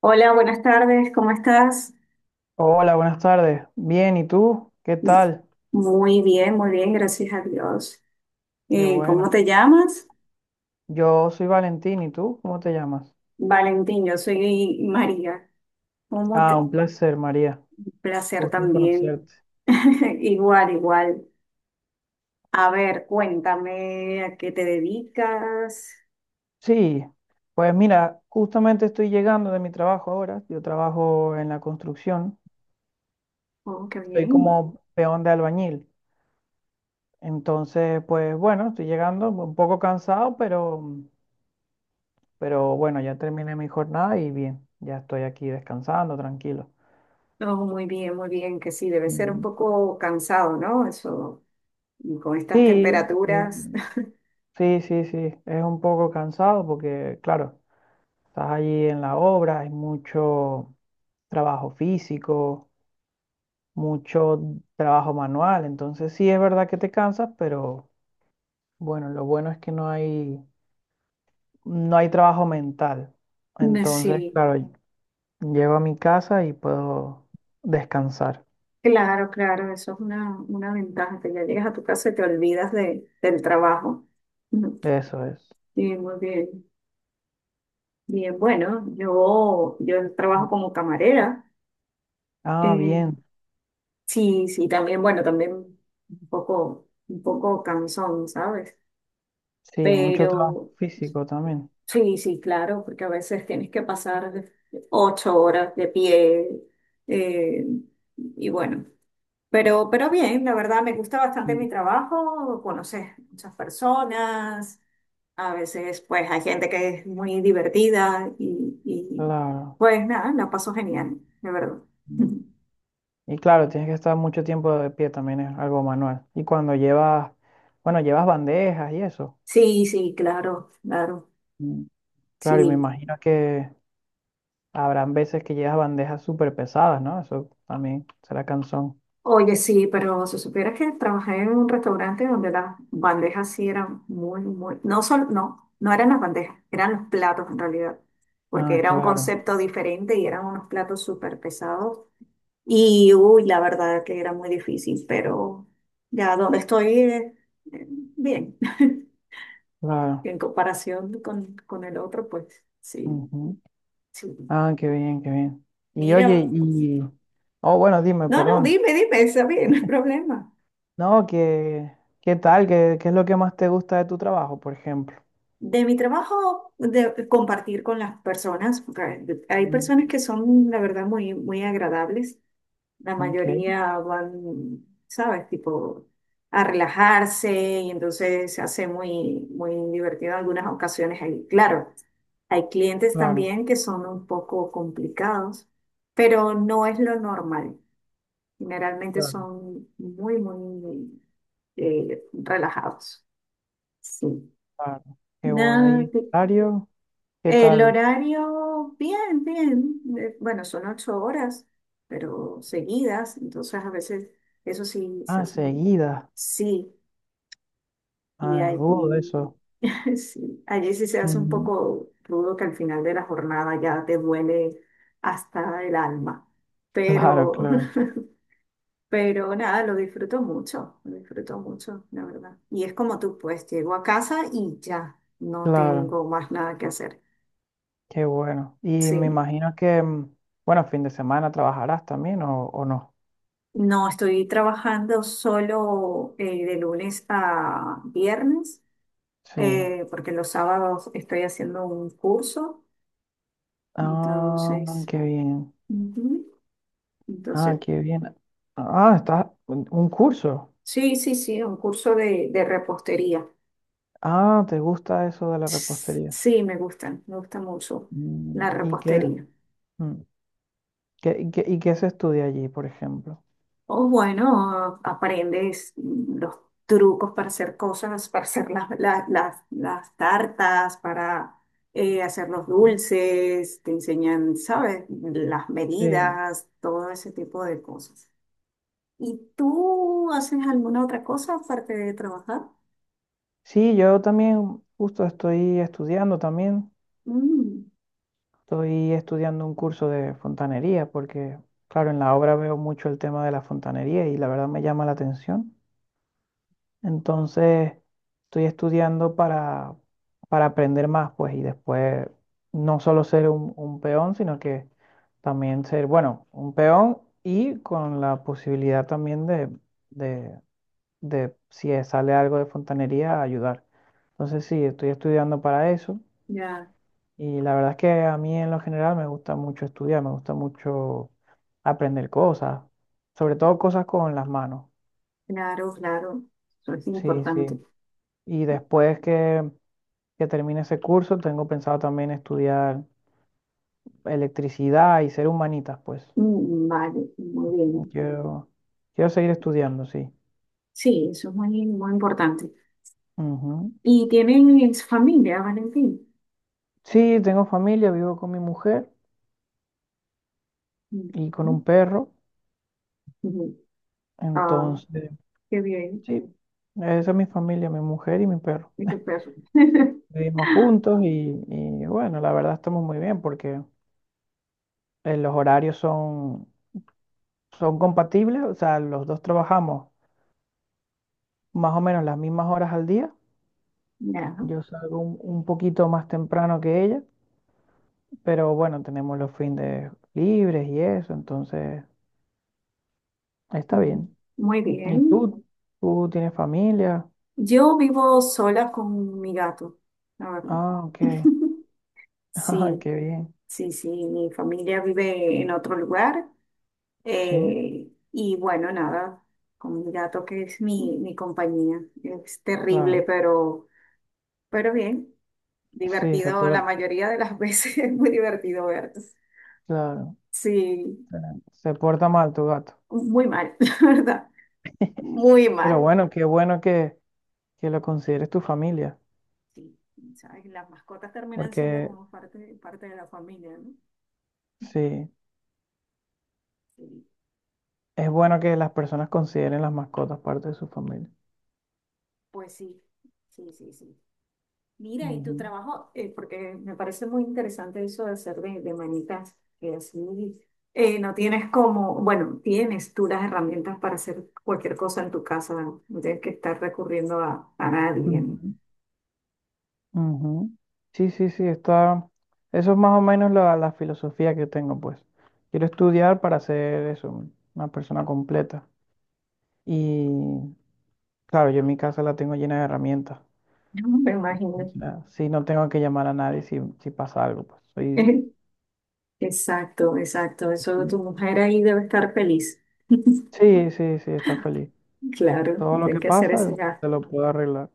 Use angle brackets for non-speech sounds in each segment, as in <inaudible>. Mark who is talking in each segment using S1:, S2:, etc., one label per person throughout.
S1: Hola, buenas tardes, ¿cómo estás?
S2: Hola, buenas tardes. Bien, ¿y tú? ¿Qué tal?
S1: Muy bien, gracias a Dios.
S2: Qué
S1: ¿Cómo
S2: bueno.
S1: te llamas?
S2: Yo soy Valentín, ¿y tú? ¿Cómo te llamas?
S1: Valentín, yo soy María. ¿Cómo
S2: Ah,
S1: te...
S2: un placer, María.
S1: placer
S2: Gusto en
S1: también.
S2: conocerte.
S1: <laughs> Igual, igual. A ver, cuéntame a qué te dedicas.
S2: Sí, pues mira, justamente estoy llegando de mi trabajo ahora. Yo trabajo en la construcción.
S1: Oh, qué
S2: Estoy
S1: bien.
S2: como peón de albañil. Entonces, pues bueno, estoy llegando un poco cansado, pero bueno, ya terminé mi jornada y bien, ya estoy aquí descansando, tranquilo.
S1: Oh, muy bien, que sí, debe ser un
S2: Ujú.
S1: poco cansado, ¿no? Eso, con estas
S2: Sí, eh,
S1: temperaturas.
S2: sí, sí, sí, es un poco cansado porque, claro, estás allí en la obra, hay mucho trabajo físico, mucho trabajo manual, entonces sí es verdad que te cansas, pero bueno, lo bueno es que no hay trabajo mental.
S1: <laughs>
S2: Entonces,
S1: Sí.
S2: claro, llego a mi casa y puedo descansar.
S1: Claro, claro, eso es una ventaja, que ya llegas a tu casa y te olvidas del trabajo. Ujú.
S2: Eso es.
S1: Sí, muy bien. Bien, bueno, yo trabajo como camarera.
S2: Ah,
S1: Eh,
S2: bien.
S1: sí, sí, también, bueno, también un poco cansón, ¿sabes?
S2: Sí, mucho trabajo
S1: Pero
S2: físico también.
S1: sí, sí, claro, porque a veces tienes que ocho horas de pie. eh, y bueno. Pero bien, la verdad me gusta bastante
S2: Mm.
S1: mi trabajo, conoces muchas personas, a veces pues hay gente que es muy divertida
S2: Claro.
S1: pues nada, la paso genial, de verdad. <laughs>
S2: Y claro, tienes que estar mucho tiempo de pie también, es algo manual. Y cuando bueno, llevas bandejas y eso.
S1: Sí, sí, claro, claro,
S2: Mm. Claro, y me
S1: sí.
S2: imagino que habrán veces que llevas bandejas súper pesadas, ¿no? Eso también será cansón.
S1: Oye, sí, pero si supieras que trabajé en un restaurante donde las bandejas sí eran muy, muy, no solo, no, no eran las bandejas, eran los platos en realidad, porque
S2: Ah,
S1: era un
S2: claro,
S1: concepto diferente y eran unos platos súper pesados. Y uy, la verdad que era muy difícil, pero ya donde estoy, eh, bien. <laughs>
S2: claro.
S1: En comparación con el otro, pues sí,
S2: Ujú.
S1: sí.
S2: Ah, qué bien, qué bien. Y oye,
S1: Mira,
S2: oh, bueno, dime,
S1: no, no,
S2: perdón.
S1: dime, dime, está bien, <laughs> no hay problema.
S2: No, que, ¿qué tal? ¿Qué es lo que más te gusta de tu trabajo, por ejemplo?
S1: De mi trabajo, de compartir con las personas, porque hay personas
S2: Mm.
S1: que son, la verdad, muy, muy agradables. La
S2: Ok,
S1: mayoría van, ¿sabes? Tipo a relajarse y entonces se hace muy, muy divertido en algunas ocasiones. Claro, hay clientes
S2: claro,
S1: también que son un poco complicados, pero no es lo normal. Generalmente
S2: claro,
S1: son muy, muy relajados. Sí.
S2: claro. Qué bueno. ¿Y el
S1: Nada,
S2: horario? ¿Qué
S1: el
S2: tal?
S1: horario, bien, bien. Bueno, son 8 horas, pero seguidas, entonces a veces eso sí se
S2: Ah,
S1: hace un...
S2: seguida.
S1: Sí, y
S2: Ah, es rudo
S1: allí,
S2: eso.
S1: <laughs> sí, allí sí se hace un
S2: Ujú.
S1: poco rudo que al final de la jornada ya te duele hasta el alma.
S2: Claro,
S1: Pero,
S2: claro,
S1: <laughs> pero nada, lo disfruto mucho, la verdad. Y es como tú, pues llego a casa y ya, no
S2: claro.
S1: tengo más nada que hacer.
S2: Qué bueno. Y me
S1: Sí.
S2: imagino que, bueno, fin de semana trabajarás también o no.
S1: No, estoy trabajando solo de lunes a viernes,
S2: Sí.
S1: porque los sábados estoy haciendo un curso.
S2: Ah,
S1: Entonces,
S2: qué bien.
S1: ujú,
S2: Ah,
S1: entonces,
S2: qué bien. Ah, está un curso.
S1: sí, sí, sí, un curso de repostería.
S2: Ah, ¿te gusta eso de la
S1: S-
S2: repostería?
S1: Sí, me gusta mucho la
S2: ¿Y qué,
S1: repostería.
S2: mm, y qué, y qué se estudia allí, por ejemplo?
S1: O bueno, aprendes los trucos para hacer cosas, para hacer las tartas, para hacer los
S2: Mm.
S1: dulces, te enseñan, ¿sabes? Las
S2: Sí.
S1: medidas, todo ese tipo de cosas. ¿Y tú haces alguna otra cosa aparte de trabajar?
S2: Sí, yo también justo estoy estudiando también.
S1: Mm,
S2: Estoy estudiando un curso de fontanería porque, claro, en la obra veo mucho el tema de la fontanería y la verdad me llama la atención. Entonces, estoy estudiando para aprender más, pues, y después no solo ser un peón, sino que también ser, bueno, un peón y con la posibilidad también de, de si sale algo de fontanería, ayudar. Entonces, sí, estoy estudiando para eso.
S1: ya,
S2: Y la verdad es que a mí en lo general me gusta mucho estudiar, me gusta mucho aprender cosas, sobre todo cosas con las manos.
S1: claro, claro, eso es
S2: Sí,
S1: importante.
S2: sí. Y después que termine ese curso, tengo pensado también estudiar electricidad y ser humanitas, pues.
S1: Mm, vale, muy bien.
S2: Quiero, quiero seguir estudiando, sí.
S1: Sí, eso es muy, muy importante.
S2: Ujú.
S1: ¿Y tienen familia, Valentín?
S2: Sí, tengo familia, vivo con mi mujer y con
S1: Mm.
S2: un perro.
S1: Ujú. Ah,
S2: Entonces,
S1: qué bien.
S2: sí, esa es mi familia, mi mujer y mi perro.
S1: Y tu perro.
S2: Vivimos
S1: <laughs>
S2: juntos y, bueno, la verdad estamos muy bien porque los horarios son compatibles, o sea, los dos trabajamos más o menos las mismas horas al día.
S1: Ya.
S2: Yo salgo un poquito más temprano que ella, pero bueno, tenemos los fines libres y eso, entonces está
S1: Ujú.
S2: bien.
S1: Muy
S2: ¿Y
S1: bien.
S2: tú? ¿Tú tienes familia?
S1: Yo vivo sola con mi gato, la verdad.
S2: Ah, ok. <laughs>
S1: <laughs>
S2: Ah,
S1: Sí,
S2: qué bien.
S1: sí, sí. Mi familia vive en otro lugar.
S2: Sí,
S1: Y bueno, nada, con mi gato que es mi compañía. Es terrible,
S2: claro.
S1: pero bien.
S2: Sí, se
S1: Divertido la
S2: porta,
S1: mayoría de las veces. <laughs> Es muy divertido verlos.
S2: claro.
S1: Sí,
S2: Se porta mal tu gato.
S1: muy mal, <laughs> la verdad. Muy
S2: Pero
S1: mal.
S2: bueno, qué bueno que lo consideres tu familia,
S1: Sí, sabes, las mascotas terminan siendo
S2: porque
S1: como parte de la familia, ¿no?
S2: sí,
S1: Sí,
S2: es bueno que las personas consideren las mascotas parte de su familia.
S1: pues sí, sí, sí, sí. Mira, y tu
S2: Ujú,
S1: trabajo, porque me parece muy interesante eso de hacer de manitas, que así no tienes como, bueno, tienes tú las herramientas para hacer cualquier cosa en tu casa, no. No tienes que estar recurriendo a nadie, ¿no? <laughs>
S2: ujú, ujú. Sí, sí, sí, está. Eso es más o menos la filosofía que tengo, pues. Quiero estudiar para ser eso, una persona completa. Y claro, yo en mi casa la tengo llena de herramientas.
S1: No me imagino.
S2: O sea, sí, no tengo que llamar a nadie si pasa algo, pues. Soy...
S1: <laughs> Exacto, exacto. Eso tu mujer ahí debe estar feliz. <laughs>
S2: Sí, sí, sí, está feliz.
S1: Claro,
S2: Todo lo
S1: tiene
S2: que
S1: que hacer
S2: pasa,
S1: ese gasto.
S2: se lo puedo arreglar.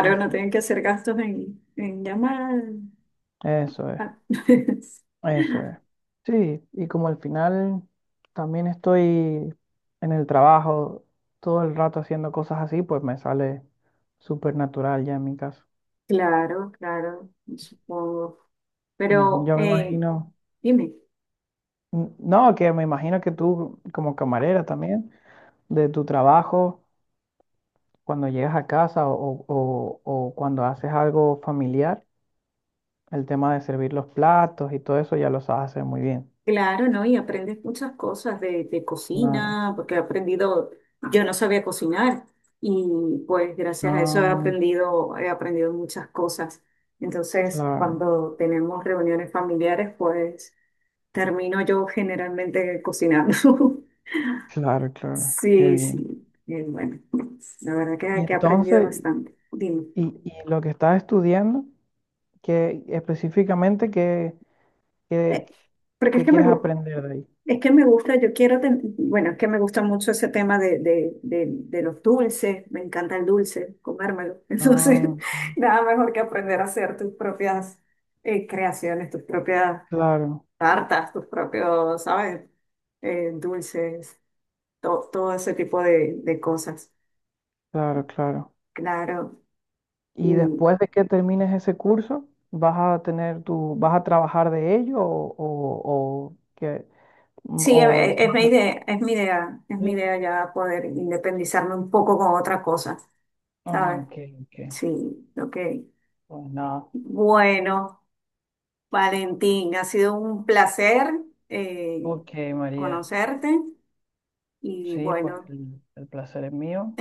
S2: Sí,
S1: no
S2: sí.
S1: tienen que hacer gastos en llamar.
S2: Eso es,
S1: Ah, <laughs>
S2: eso es. Sí, y como al final también estoy en el trabajo todo el rato haciendo cosas así, pues me sale súper natural ya en mi caso.
S1: claro, claro, supongo.
S2: Ujú,
S1: Pero
S2: yo me imagino,
S1: dime,
S2: n- no, que me imagino que tú como camarera también, de tu trabajo, cuando llegas a casa o cuando haces algo familiar, el tema de servir los platos y todo eso ya lo sabes hacer muy bien.
S1: claro, ¿no? Y aprendes muchas cosas de
S2: Claro,
S1: cocina, porque he aprendido, yo no sabía cocinar y pues gracias a eso
S2: no,
S1: he aprendido muchas cosas. Entonces,
S2: claro,
S1: cuando tenemos reuniones familiares, pues termino yo generalmente cocinando. <laughs>
S2: claro, claro, qué
S1: Sí,
S2: bien.
S1: sí, bien, bueno. La verdad
S2: Y
S1: que he aprendido
S2: entonces,
S1: bastante. Dime.
S2: y lo que estás estudiando, que específicamente qué-
S1: Eh, porque es
S2: qué
S1: que me,
S2: quieres
S1: gu-
S2: aprender de ahí.
S1: Es que me gusta, bueno, es que me gusta mucho ese tema de los dulces, me encanta el dulce, comérmelo. <laughs> Entonces,
S2: Ah, ok.
S1: nada mejor que aprender a hacer tus propias creaciones, tus propias
S2: Claro,
S1: tartas, tus propios, ¿sabes? Dulces, todo ese tipo de cosas.
S2: claro, claro.
S1: Claro.
S2: Y
S1: Y,
S2: después de que termines ese curso, vas a tener tu, vas a trabajar de ello o qué,
S1: sí,
S2: o
S1: es
S2: vas
S1: mi
S2: a-
S1: idea, es mi idea, es mi
S2: sí.
S1: idea ya poder independizarme un poco con otra cosa,
S2: Ah,
S1: ¿sabes?
S2: ok, ok.
S1: Sí, ok.
S2: Pues nada.
S1: Bueno, Valentín, ha sido un placer eh,
S2: Ok, María.
S1: conocerte y
S2: Sí, pues
S1: bueno,
S2: el placer es mío.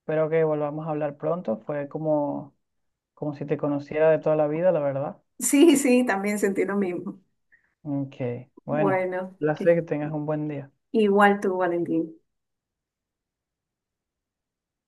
S2: Espero que volvamos a hablar pronto. Fue como si te conociera de toda la vida, la verdad.
S1: <laughs> sí, sí, también sentí lo mismo.
S2: Ok, bueno,
S1: Bueno,
S2: placer
S1: que-
S2: que tengas un buen día.
S1: Igual tú, Valentín.